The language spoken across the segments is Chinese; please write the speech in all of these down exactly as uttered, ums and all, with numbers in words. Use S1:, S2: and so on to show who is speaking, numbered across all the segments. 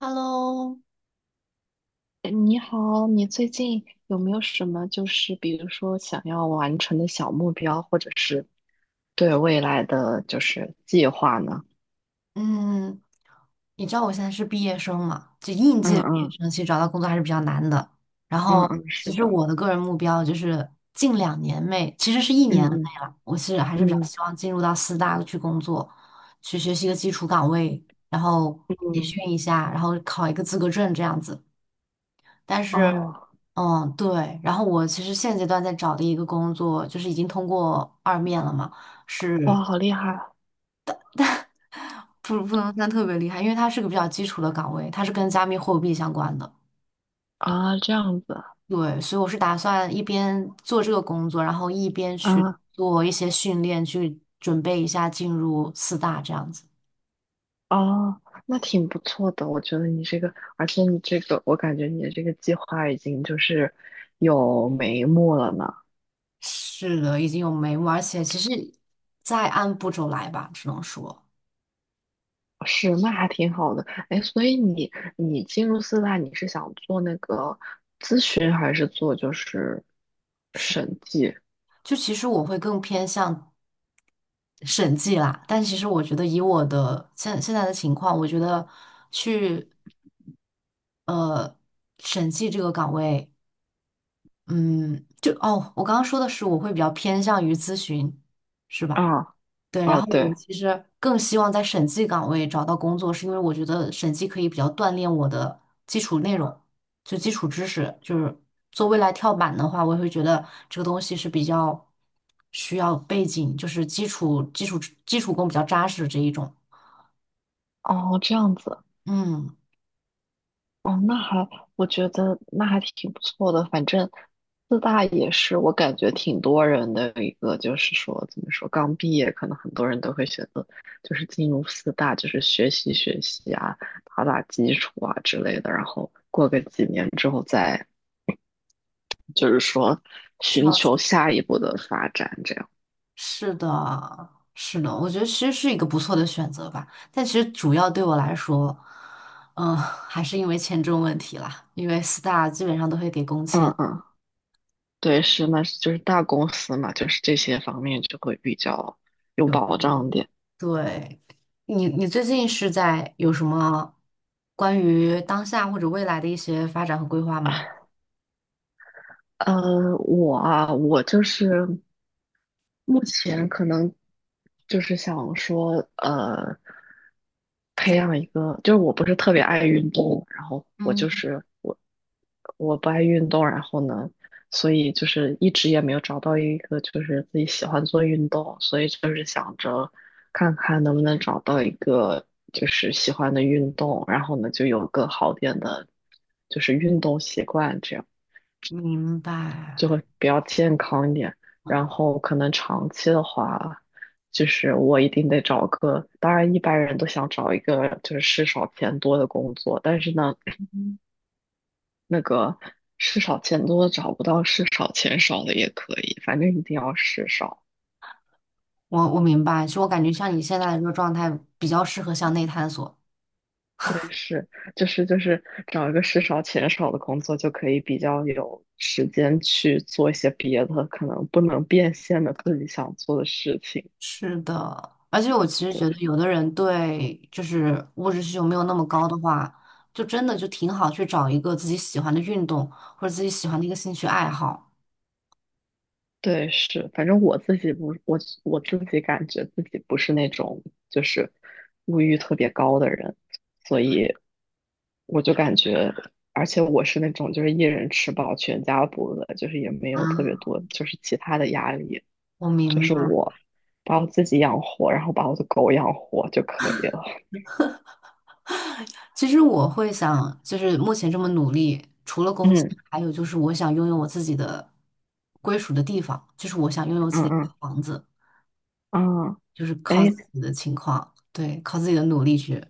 S1: Hello，
S2: 你好，你最近有没有什么就是比如说想要完成的小目标，或者是对未来的就是计划呢？
S1: 嗯，你知道我现在是毕业生嘛？就应
S2: 嗯
S1: 届毕业
S2: 嗯
S1: 生，其实找到工作还是比较难的。然
S2: 嗯
S1: 后，
S2: 嗯，
S1: 其
S2: 是
S1: 实
S2: 的，
S1: 我的个人目标就是近两年内，其实是一
S2: 嗯
S1: 年内
S2: 嗯
S1: 了，我是还是比较
S2: 嗯
S1: 希望进入到四大去工作，去学习一个基础岗位，然后培
S2: 嗯，
S1: 训一下，然后考一个资格证这样子。但是，
S2: 哦，
S1: 嗯，对。然后我其实现阶段在找的一个工作，就是已经通过二面了嘛，是，
S2: 哇，好厉害
S1: 不不能算特别厉害，因为它是个比较基础的岗位，它是跟加密货币相关的。
S2: 啊！这样子
S1: 对，所以我是打算一边做这个工作，然后一边去
S2: 啊，
S1: 做一些训练，去准备一下进入四大这样子。
S2: 哦，那挺不错的，我觉得你这个，而且你这个，我感觉你的这个计划已经就是有眉目了呢。
S1: 是的，已经有眉目，而且其实再按步骤来吧，只能说
S2: 是，那还挺好的。哎，所以你你进入四大，你是想做那个区还是做就是
S1: 是。
S2: 审计？
S1: 就其实我会更偏向审计啦，但其实我觉得以我的现现在的情况，我觉得去呃审计这个岗位。嗯，就哦，我刚刚说的是我会比较偏向于咨询，是吧？
S2: 啊
S1: 对，然
S2: 啊，
S1: 后
S2: 对，
S1: 我其实更希望在审计岗位找到工作，是因为我觉得审计可以比较锻炼我的基础内容，就基础知识，就是做未来跳板的话，我也会觉得这个东西是比较需要背景，就是基础基础基础功比较扎实这一种。
S2: 哦，这样子，
S1: 嗯，
S2: 哦，那还我觉得那还挺不错的。反正四大也是我感觉挺多人的一个，就是说怎么说，刚毕业可能很多人都会选择就是进入四大，就是学习学习啊，打打基础啊之类的，然后过个几年之后再。就是说寻求
S1: 跳。
S2: 下一步的发展这样。
S1: 是的，是的，我觉得其实是一个不错的选择吧。但其实主要对我来说，嗯、还是因为签证问题啦。因为四大基本上都会给工签，
S2: 嗯嗯，对，是，那是就是大公司嘛，就是这些方面就会比较有
S1: 有这
S2: 保
S1: 个人
S2: 障点。
S1: 对，你你最近是在有什么关于当下或者未来的一些发展和规划吗？
S2: 呃，我啊，我就是目前可能就是想说，呃，培
S1: 在
S2: 养一个，就是我不是特别爱运动，然后我就
S1: 嗯
S2: 是我我不爱运动，然后呢，所以就是一直也没有找到一个就是自己喜欢做运动，所以就是想着看看能不能找到一个就是喜欢的运动，然后呢就有个好点的，就是运动习惯这样。
S1: 明
S2: 就会
S1: 白，
S2: 比较健康一点。然后可能长期的话，就是我一定得找个，当然一般人都想找一个就是事少钱多的工作，但是呢，
S1: 嗯
S2: 那个事少钱多的找不到，事少钱少的也可以，反正一定要事少。
S1: 我我明白。其实我感觉像你现在的这个状态，比较适合向内探索。
S2: 对，是，就是就是找一个事少钱少的工作，就可以比较有时间去做一些别的，可能不能变现的自己想做的事情。
S1: 是的，而且我其实觉得，
S2: 对。
S1: 有的人对就是物质需求没有那么高的话，就真的就挺好去找一个自己喜欢的运动或者自己喜欢的一个兴趣爱好。
S2: 对，是，反正我自己不，我我自己感觉自己不是那种就是物欲特别高的人，所以我就感觉，而且我是那种就是一人吃饱全家不饿，就是也没有特别
S1: 啊，
S2: 多就是其他的压力，
S1: 我
S2: 就
S1: 明
S2: 是
S1: 白。
S2: 我把我自己养活，然后把我的狗养活就可以了。
S1: 其实我会想，就是目前这么努力，除了工资，
S2: 嗯
S1: 还有就是我想拥有我自己的归属的地方，就是我想拥有自
S2: 嗯
S1: 己的
S2: 嗯
S1: 房子，
S2: 啊，
S1: 就是
S2: 哎，
S1: 靠自己的情况，对，靠自己的努力去。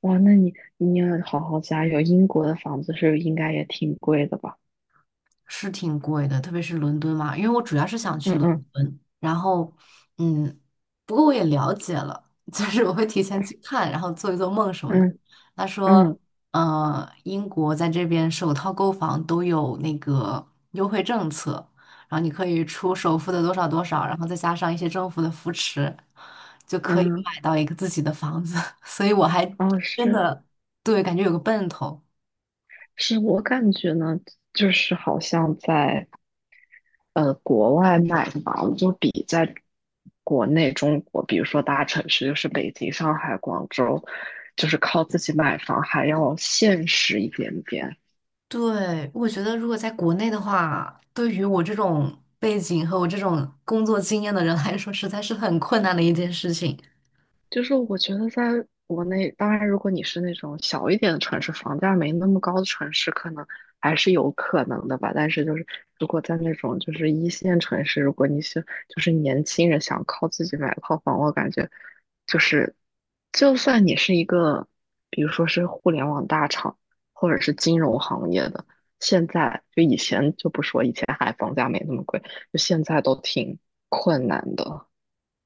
S2: 哇，那你你要好好加油，英国的房子是应该也挺贵的吧？
S1: 是挺贵的，特别是伦敦嘛，因为我主要是想去
S2: 嗯
S1: 伦
S2: 嗯
S1: 敦，然后，嗯，不过我也了解了，就是我会提前去看，然后做一做梦什么的。
S2: 嗯
S1: 他说，
S2: 嗯。
S1: 呃，英国在这边首套购房都有那个优惠政策，然后你可以出首付的多少多少，然后再加上一些政府的扶持，就可以
S2: 嗯，
S1: 买到一个自己的房子。所以我还
S2: 哦，
S1: 真
S2: 是
S1: 的，对，感觉有个奔头。
S2: 是，我感觉呢，就是好像在呃国外买房，就比在国内中国，比如说大城市，就是北京、上海、广州，就是靠自己买房还要现实一点点。
S1: 对，我觉得如果在国内的话，对于我这种背景和我这种工作经验的人来说，实在是很困难的一件事情。
S2: 就是我觉得在国内，当然如果你是那种小一点的城市，房价没那么高的城市，可能还是有可能的吧。但是就是如果在那种就是一线城市，如果你是就是年轻人想靠自己买套房，我感觉就是就算你是一个，比如说是互联网大厂或者是金融行业的，现在就以前就不说，以前还房价没那么贵，就现在都挺困难的。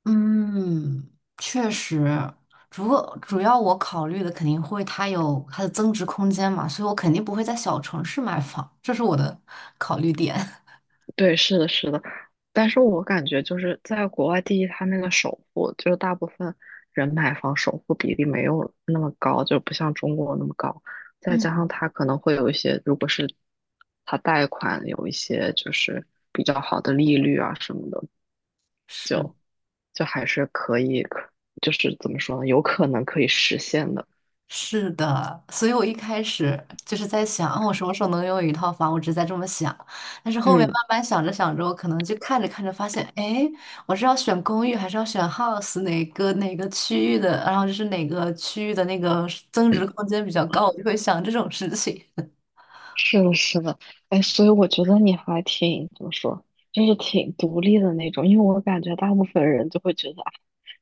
S1: 嗯，确实，主主要我考虑的肯定会它有它的增值空间嘛，所以我肯定不会在小城市买房，这是我的考虑点。
S2: 对，是的，是的，但是我感觉就是在国外，第一，它那个首付，就是大部分人买房首付比例没有那么高，就不像中国那么高。再加上
S1: 嗯，
S2: 它可能会有一些，如果是它贷款有一些就是比较好的利率啊什么的，
S1: 是。
S2: 就还是可以，可就是怎么说呢，有可能可以实现的。
S1: 是的，所以我一开始就是在想，啊，我什么时候能拥有一套房？我只是在这么想，但是后面慢
S2: 嗯，
S1: 慢想着想着，我可能就看着看着发现，哎，我是要选公寓还是要选 house 哪个哪个区域的？然后就是哪个区域的那个增值空间比较高，我就会想这种事情。
S2: 是的，是的，哎，所以我觉得你还挺怎么说，就是挺独立的那种，因为我感觉大部分人就会觉得啊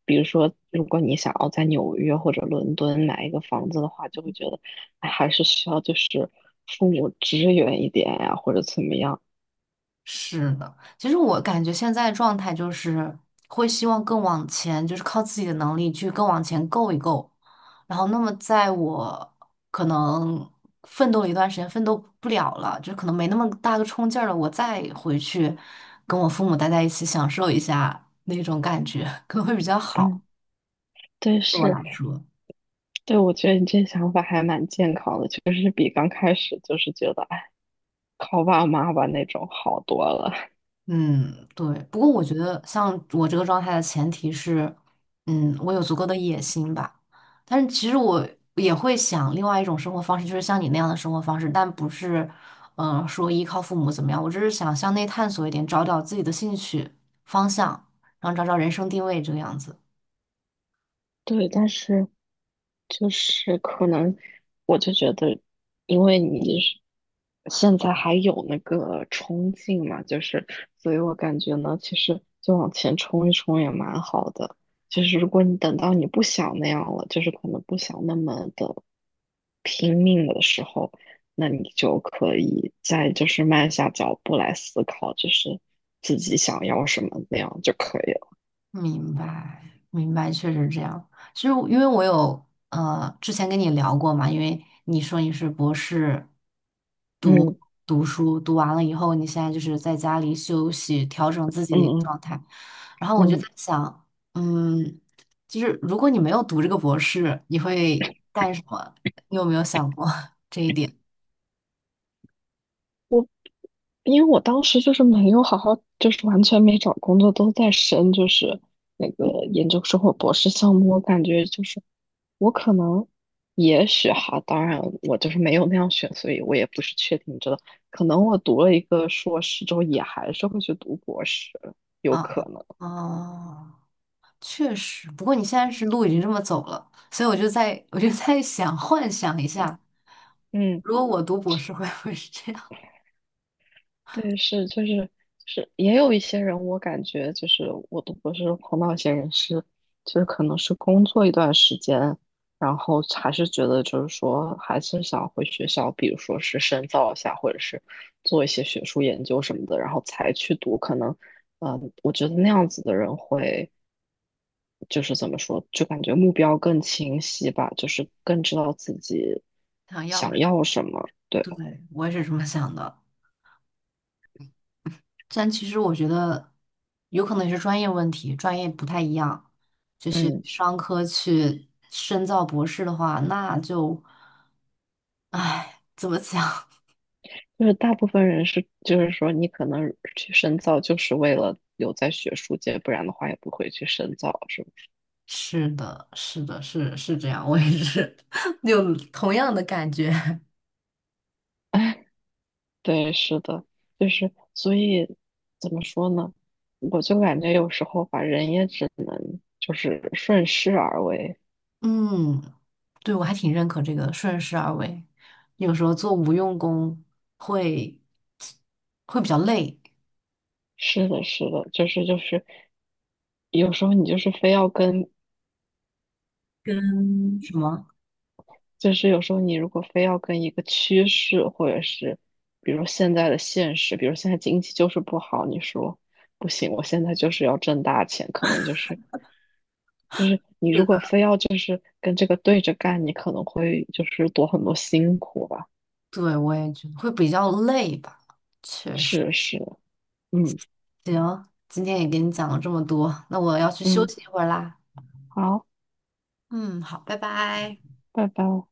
S2: 比如说，如果你想要在纽约或者伦敦买一个房子的话，就会觉得，哎，还是需要就是父母支援一点呀、或者怎么样。
S1: 是的，其实我感觉现在状态就是会希望更往前，就是靠自己的能力去更往前够一够。然后，那么在我可能奋斗了一段时间，奋斗不了了，就可能没那么大个冲劲儿了，我再回去跟我父母待在一起，享受一下那种感觉，可能会比较好，
S2: 嗯，对，
S1: 对我
S2: 是，
S1: 来说。
S2: 对，我觉得你这想法还蛮健康的，就是比刚开始就是觉得，哎，靠爸妈吧那种好多了。
S1: 嗯，对。不过我觉得，像我这个状态的前提是，嗯，我有足够的野心吧。但是其实我也会想另外一种生活方式，就是像你那样的生活方式，但不是，嗯、说依靠父母怎么样。我只是想向内探索一点，找找自己的兴趣方向，然后找找人生定位这个样子。
S2: 对，但是就是可能我就觉得，因为你是现在还有那个冲劲嘛，就是所以我感觉呢，其实就往前冲一冲也蛮好的。就是如果你等到你不想那样了，就是可能不想那么的拼命的时候，那你就可以再就是慢下脚步来思考，就是自己想要什么那样就可以了。
S1: 明白，明白，确实这样。其实我因为我有呃之前跟你聊过嘛，因为你说你是博士。
S2: 嗯
S1: 读书，读完了以后，你现在就是在家里休息，调整自己
S2: 嗯
S1: 的一个
S2: 嗯
S1: 状态。然后我就在
S2: 嗯。
S1: 想，嗯，就是如果你没有读这个博士，你会干什么？你有没有想过 这一点
S2: 因为我当时就是没有好好，就是完全没找工作，都在申就是那个研究生或博士项目。我感觉就是我可能，也许哈，当然我就是没有那样选，所以我也不是确定知道，可能我读了一个硕士之后，也还是会去读博士，有
S1: 啊？
S2: 可能。
S1: 哦，确实。不过你现在是路已经这么走了，所以我就在我就在想，幻想一
S2: 嗯。
S1: 下，
S2: 嗯
S1: 如果我读博士会不会是这样？
S2: 对，是就是是，也有一些人，我感觉就是我都不是碰到一些人是，就是可能是工作一段时间，然后还是觉得就是说还是想回学校，比如说是深造一下，或者是做一些学术研究什么的，然后才去读。可能，嗯、我觉得那样子的人会就是怎么说，就感觉目标更清晰吧，就是更知道自己
S1: 想要，
S2: 想要什么。对，
S1: 对，我也是这么想的。但其实我觉得有可能也是专业问题，专业不太一样。就是
S2: 嗯。
S1: 商科去深造博士的话，那就，唉，怎么讲？
S2: 就是大部分人是，就是说你可能去深造就是为了留在学术界，不然的话也不会去深造，是不是？
S1: 是的，是的，是是这样，我也是 有同样的感觉。
S2: 哎，对，是的，就是所以怎么说呢？我就感觉有时候吧，人也只能就是顺势而为。
S1: 嗯，对，我还挺认可这个顺势而为。有时候做无用功会会比较累，
S2: 是的，是的，就是就是，有时候你就是非要跟
S1: 跟什么？
S2: 就是有时候你如果非要跟一个趋势，或者是比如现在的现实，比如现在经济就是不好，你说不行，我现在就是要挣大钱，可能就是就是你
S1: 是
S2: 如果
S1: 的，
S2: 非要就是跟这个对着干，你可能会就是多很多辛苦吧。
S1: 对，我也觉得会比较累吧。
S2: 是是，嗯
S1: 行，今天也给你讲了这么多，那我要去休
S2: 嗯，
S1: 息一会儿啦。
S2: 好，
S1: 嗯，好，拜拜。
S2: 拜拜。